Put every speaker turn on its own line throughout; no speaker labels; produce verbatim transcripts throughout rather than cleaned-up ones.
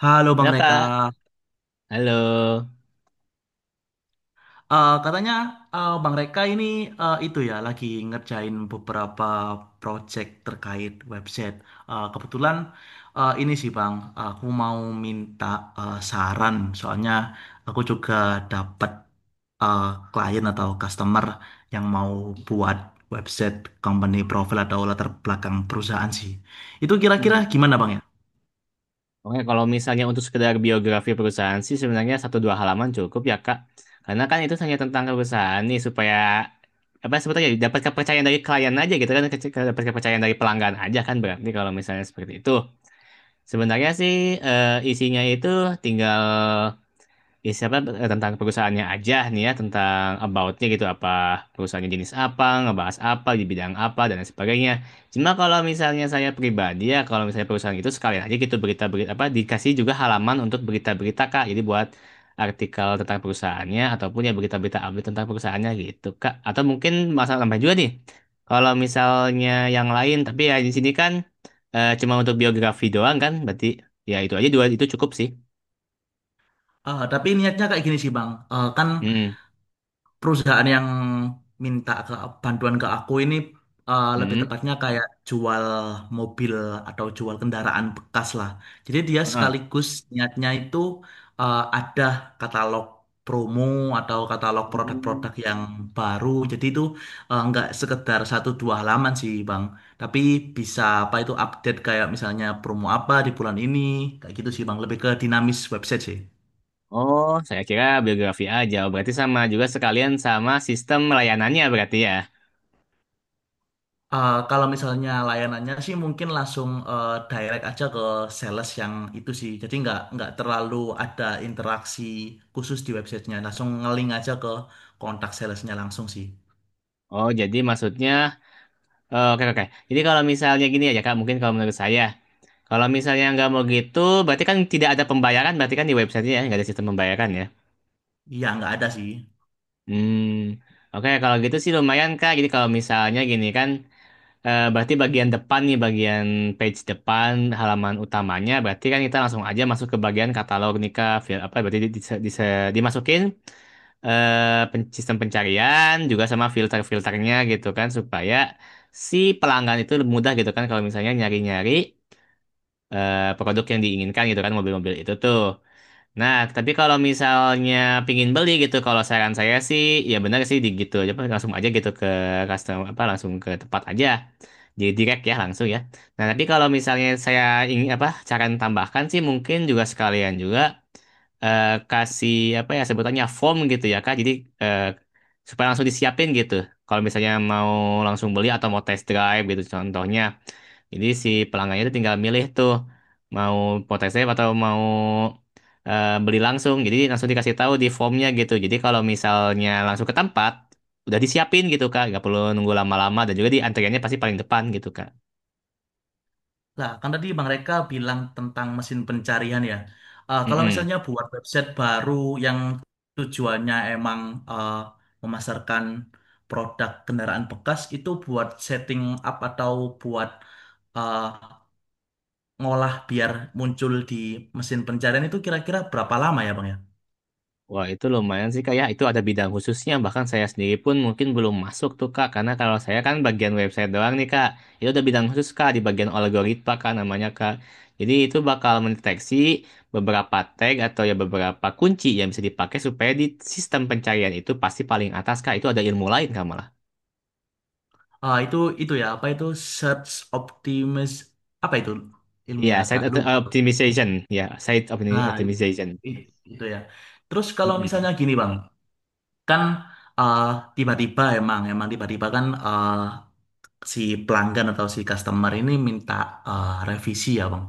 Halo
Halo
Bang Reka.
Kak, halo.
Eh, katanya eh, Bang Reka ini eh, itu ya lagi ngerjain beberapa project terkait website. Eh, kebetulan eh, ini sih Bang, aku mau minta eh, saran soalnya aku juga dapat eh, klien atau customer yang mau buat website company profile atau latar belakang perusahaan sih. Itu kira-kira
Hmm.
gimana Bang ya?
Oke, kalau misalnya untuk sekedar biografi perusahaan sih sebenarnya satu dua halaman cukup ya Kak. Karena kan itu hanya tentang perusahaan nih supaya apa sebetulnya dapat kepercayaan dari klien aja gitu kan, kece- dapat kepercayaan dari pelanggan aja kan berarti kalau misalnya seperti itu. Sebenarnya sih eh, isinya itu tinggal ya siapa eh, tentang perusahaannya aja nih ya tentang aboutnya gitu apa perusahaannya jenis apa ngebahas apa di bidang apa dan lain sebagainya cuma kalau misalnya saya pribadi ya kalau misalnya perusahaan itu sekalian aja gitu berita-berita apa dikasih juga halaman untuk berita-berita Kak, jadi buat artikel tentang perusahaannya ataupun ya berita-berita update tentang perusahaannya gitu Kak, atau mungkin masalah tambah juga nih kalau misalnya yang lain tapi ya di sini kan eh, cuma untuk biografi doang kan berarti ya itu aja dua itu cukup sih.
Eh, tapi niatnya kayak gini sih Bang. Eh, kan
Mm
perusahaan yang minta ke bantuan ke aku ini eh, lebih
-mm.
tepatnya kayak jual mobil atau jual kendaraan bekas lah. Jadi dia sekaligus niatnya itu eh, ada katalog promo atau katalog
Hmm.
produk-produk yang baru. Jadi itu eh, nggak sekedar satu dua halaman sih Bang, tapi bisa apa itu update kayak misalnya promo apa di bulan ini, kayak gitu sih Bang. Lebih ke dinamis website sih.
Oh, saya kira biografi aja. Oh, berarti sama juga sekalian sama sistem layanannya berarti ya.
Eh, kalau misalnya layanannya sih mungkin langsung eh, direct aja ke sales yang itu sih. Jadi nggak nggak terlalu ada interaksi khusus di websitenya. Langsung ngeling aja ke kontak salesnya langsung sih.
Oh, jadi maksudnya, oh, oke oke. Jadi kalau misalnya gini aja Kak, mungkin kalau menurut saya, kalau misalnya nggak mau gitu, berarti kan tidak ada pembayaran, berarti kan di websitenya ya, nggak ada sistem pembayaran ya.
Iya nggak ada sih.
Hmm, oke kalau gitu sih lumayan Kak. Jadi kalau misalnya gini kan, eh, berarti bagian depan nih, bagian page depan halaman utamanya, berarti kan kita langsung aja masuk ke bagian katalog nih Kak. Fil- Apa berarti di- di- di- dimasukin. Eh, pen- sistem pencarian juga sama filter-filternya gitu kan supaya si pelanggan itu mudah gitu kan kalau misalnya nyari-nyari eh, produk yang diinginkan gitu kan mobil-mobil itu tuh. Nah, tapi kalau misalnya pingin beli gitu, kalau saran saya sih ya benar sih di gitu aja apa, langsung aja gitu ke customer apa langsung ke tempat aja. Jadi direct ya langsung ya. Nah, tapi kalau misalnya saya ingin apa cara tambahkan sih mungkin juga sekalian juga eh, kasih apa ya sebutannya form gitu ya Kak. Jadi eh, supaya langsung disiapin gitu. Kalau misalnya mau langsung beli atau mau test drive gitu contohnya. Jadi si pelanggannya itu tinggal milih tuh mau mau test drive atau mau eh, beli langsung. Jadi langsung dikasih tahu di formnya gitu. Jadi kalau misalnya langsung ke tempat udah disiapin gitu Kak, nggak perlu nunggu lama-lama dan juga di antriannya pasti paling depan gitu Kak.
Lah kan tadi Bang Reka bilang tentang mesin pencarian ya. Eh, kalau
Mm-mm.
misalnya buat website baru yang tujuannya emang eh, memasarkan produk kendaraan bekas itu buat setting up atau buat eh, ngolah biar muncul di mesin pencarian itu kira-kira berapa lama ya Bang ya?
Wah, itu lumayan sih, Kak. Ya, itu ada bidang khususnya. Bahkan saya sendiri pun mungkin belum masuk tuh, Kak. Karena kalau saya kan bagian website doang nih, Kak. Itu ada bidang khusus, Kak, di bagian algoritma, Kak, namanya, Kak. Jadi itu bakal mendeteksi beberapa tag atau ya beberapa kunci yang bisa dipakai supaya di sistem pencarian itu pasti paling atas, Kak. Itu ada ilmu lain, Kak, malah.
Ah, itu itu ya apa itu search optimis apa itu
Iya,
ilmunya agak
site opt-
lupa.
optimization. Ya, site opti-
Nah, i-
optimization.
i- itu ya. Terus kalau
Mm-mm.
misalnya gini Bang, kan ah, tiba-tiba emang emang tiba-tiba kan ah, si pelanggan atau si customer ini minta ah, revisi ya Bang,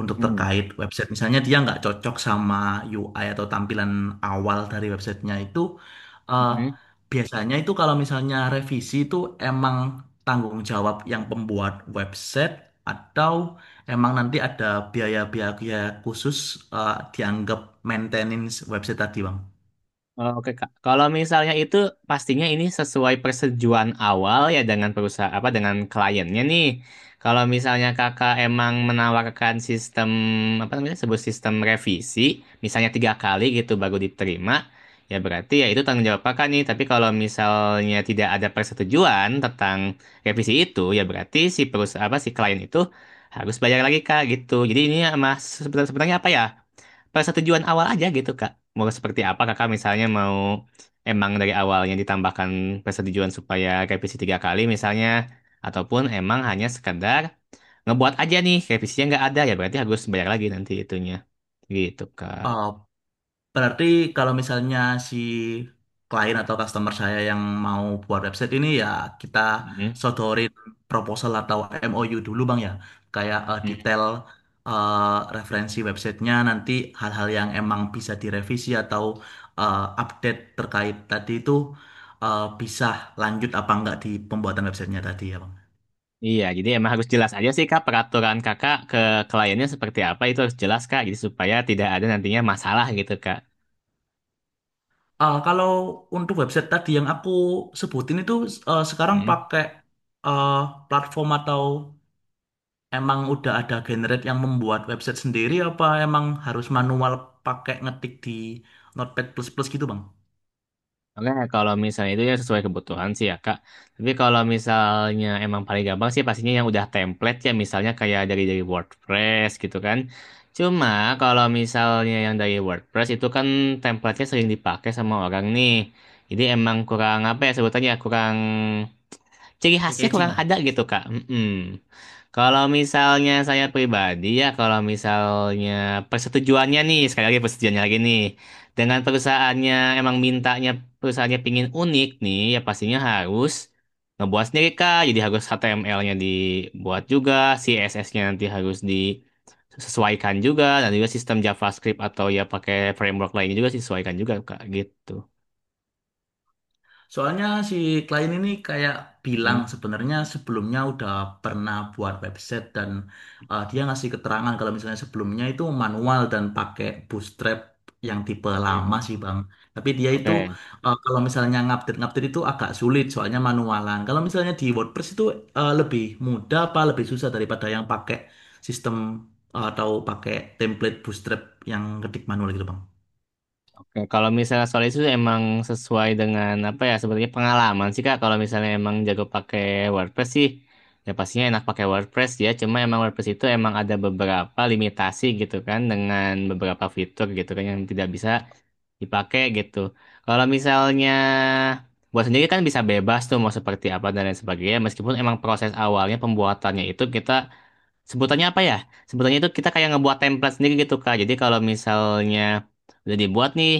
untuk
Mm-mm.
terkait website. Misalnya dia nggak cocok sama U I atau tampilan awal dari websitenya itu, eh,
Mm-mm.
biasanya itu kalau misalnya revisi itu emang tanggung jawab yang pembuat website atau emang nanti ada biaya-biaya khusus eh, dianggap maintenance website tadi, Bang?
Oh, oke, Kak. Kalau misalnya itu pastinya ini sesuai persetujuan awal ya dengan perusahaan apa dengan kliennya nih. Kalau misalnya Kakak emang menawarkan sistem apa namanya sebut sistem revisi, misalnya tiga kali gitu baru diterima, ya berarti ya itu tanggung jawab Kakak nih. Tapi kalau misalnya tidak ada persetujuan tentang revisi itu, ya berarti si perusahaan apa si klien itu harus bayar lagi Kak gitu. Jadi ini ya, Mas sebenarnya sebenarnya apa ya? Pada tujuan awal aja gitu Kak. Mau seperti apa Kakak misalnya mau emang dari awalnya ditambahkan persetujuan supaya revisi tiga kali misalnya ataupun emang hanya sekedar ngebuat aja nih revisinya nggak ada ya berarti harus bayar lagi nanti itunya gitu Kak.
Eh, berarti kalau misalnya si klien atau customer saya yang mau buat website ini, ya kita
Mm-mm.
sodorin proposal atau M O U dulu Bang ya. Kayak eh,
Mm.
detail eh, referensi websitenya, nanti hal-hal yang emang bisa direvisi atau eh, update terkait tadi itu eh, bisa lanjut apa enggak di pembuatan websitenya tadi ya Bang.
Iya, jadi emang harus jelas aja sih Kak, peraturan Kakak ke kliennya seperti apa itu harus jelas Kak, jadi supaya tidak ada nantinya masalah gitu Kak.
Eh, kalau untuk website tadi yang aku sebutin itu eh, sekarang
Hmm.
pakai eh, platform atau emang udah ada generate yang membuat website sendiri apa emang harus manual pakai ngetik di Notepad plus plus gitu Bang?
Oke, kalau misalnya itu ya sesuai kebutuhan sih ya Kak. Tapi kalau misalnya emang paling gampang sih pastinya yang udah template ya misalnya kayak dari dari WordPress gitu kan. Cuma kalau misalnya yang dari WordPress itu kan template-nya sering dipakai sama orang nih. Jadi emang kurang apa ya sebutannya kurang ciri khasnya
Packaging
kurang
lah.
ada gitu Kak. Mm-mm. Kalau misalnya saya pribadi ya, kalau misalnya persetujuannya nih, sekali lagi persetujuannya lagi nih, dengan perusahaannya emang mintanya perusahaannya pingin unik nih, ya pastinya harus ngebuat sendiri Kak. Jadi harus H T M L-nya dibuat juga, C S S-nya nanti harus disesuaikan juga, dan juga sistem JavaScript atau ya pakai framework lainnya juga disesuaikan juga Kak, gitu.
Soalnya si klien ini kayak bilang
Mm,
sebenarnya sebelumnya udah pernah buat website dan eh, dia ngasih keterangan kalau misalnya sebelumnya itu manual dan pakai bootstrap yang tipe lama
mm.
sih Bang. Tapi dia itu
Oke.
eh, kalau misalnya ngupdate-ngupdate itu agak sulit soalnya manualan. Kalau misalnya di WordPress itu eh, lebih mudah apa lebih susah daripada yang pakai sistem eh, atau pakai template bootstrap yang ketik manual gitu Bang?
Oke, kalau misalnya soal itu emang sesuai dengan apa ya sebenarnya pengalaman sih Kak. Kalau misalnya emang jago pakai WordPress sih, ya pastinya enak pakai WordPress ya. Cuma emang WordPress itu emang ada beberapa limitasi gitu kan dengan beberapa fitur gitu kan yang tidak bisa dipakai gitu. Kalau misalnya buat sendiri kan bisa bebas tuh mau seperti apa dan lain sebagainya. Meskipun emang proses awalnya pembuatannya itu kita sebutannya apa ya? Sebutannya itu kita kayak ngebuat template sendiri gitu Kak. Jadi kalau misalnya udah dibuat nih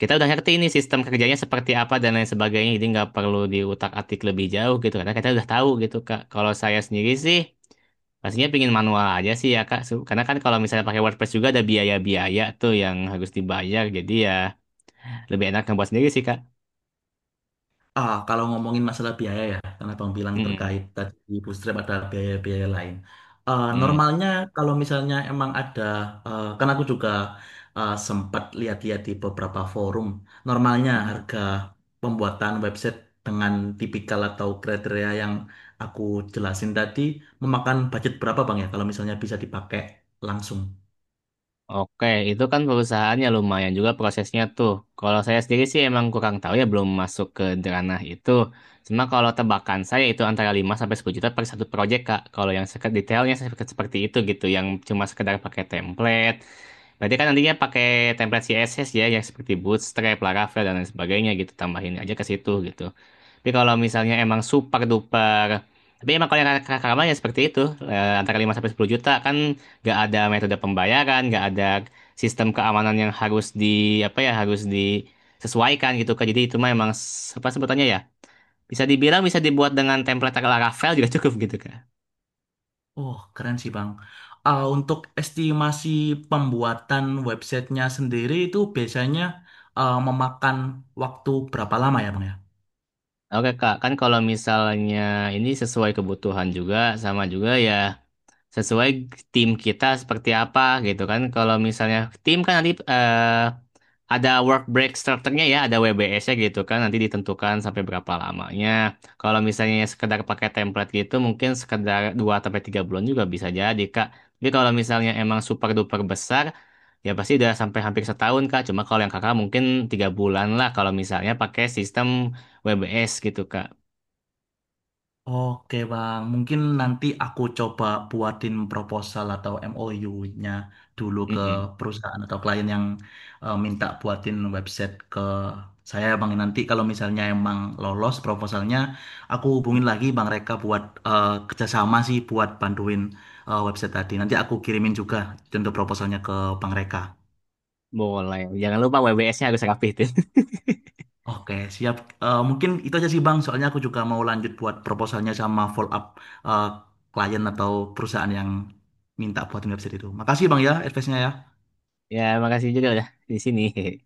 kita udah ngerti ini sistem kerjanya seperti apa dan lain sebagainya jadi nggak perlu diutak-atik lebih jauh gitu karena kita udah tahu gitu Kak. Kalau saya sendiri sih pastinya pingin manual aja sih ya Kak, Su- karena kan kalau misalnya pakai WordPress juga ada biaya-biaya tuh yang harus dibayar jadi ya lebih enak ngebuat sendiri sih Kak.
Ah, kalau ngomongin masalah biaya ya, karena Bang bilang
Mm-mm.
terkait tadi di Bootstrap ada biaya-biaya lain. Eh,
Mm.
normalnya kalau misalnya emang ada, eh, karena aku juga eh, sempat lihat-lihat di beberapa forum, normalnya
Mm.
harga pembuatan website dengan tipikal atau kriteria yang aku jelasin tadi memakan budget berapa Bang ya, kalau misalnya bisa dipakai langsung.
Oke, itu kan perusahaannya lumayan juga prosesnya tuh. Kalau saya sendiri sih emang kurang tahu ya, belum masuk ke ranah itu. Cuma kalau tebakan saya itu antara lima sampai sepuluh juta per satu project, Kak. Kalau yang seket- detailnya sek- seperti itu gitu, yang cuma sekedar pakai template. Berarti kan nantinya pakai template C S S ya, yang seperti Bootstrap, Laravel, dan lain sebagainya gitu. Tambahin aja ke situ gitu. Tapi kalau misalnya emang super duper, tapi emang kalau yang kar- karma ya seperti itu, eh, antara lima sampai sepuluh juta kan nggak ada metode pembayaran, nggak ada sistem keamanan yang harus di apa ya harus disesuaikan gitu kan. Jadi itu mah emang s- apa sebutannya ya? Bisa dibilang bisa dibuat dengan template Laravel juga cukup gitu kan.
Oh, keren sih Bang. Ah, untuk estimasi pembuatan websitenya sendiri itu biasanya ah, memakan waktu berapa lama ya Bang ya?
Oke Kak, kan kalau misalnya ini sesuai kebutuhan juga sama juga ya sesuai tim kita seperti apa gitu kan. Kalau misalnya tim kan nanti eh, ada work break strukturnya ya, ada W B S-nya gitu kan. Nanti ditentukan sampai berapa lamanya. Kalau misalnya sekedar pakai template gitu mungkin sekedar dua sampai tiga bulan juga bisa jadi, Kak. Tapi kalau misalnya emang super duper besar ya pasti udah sampai hampir setahun, Kak. Cuma kalau yang Kakak mungkin tiga bulan lah kalau misalnya pakai sistem W B S gitu, Kak.
Oke Bang, mungkin nanti aku coba buatin proposal atau M O U-nya-nya dulu ke
Mm-mm.
perusahaan atau klien yang eh, minta buatin website ke saya Bang. Nanti kalau misalnya emang lolos proposalnya, aku hubungin lagi Bang Reka buat eh, kerjasama sih buat bantuin eh, website tadi. Nanti aku kirimin juga untuk proposalnya ke Bang Reka.
Boleh. Jangan lupa W B S-nya harus rapihin.
Oke, siap. Eh, mungkin itu aja sih Bang, soalnya aku juga mau lanjut buat proposalnya sama follow up eh, klien atau perusahaan yang minta buatin website itu. Makasih Bang ya, advice-nya ya.
Ya, makasih juga udah di sini.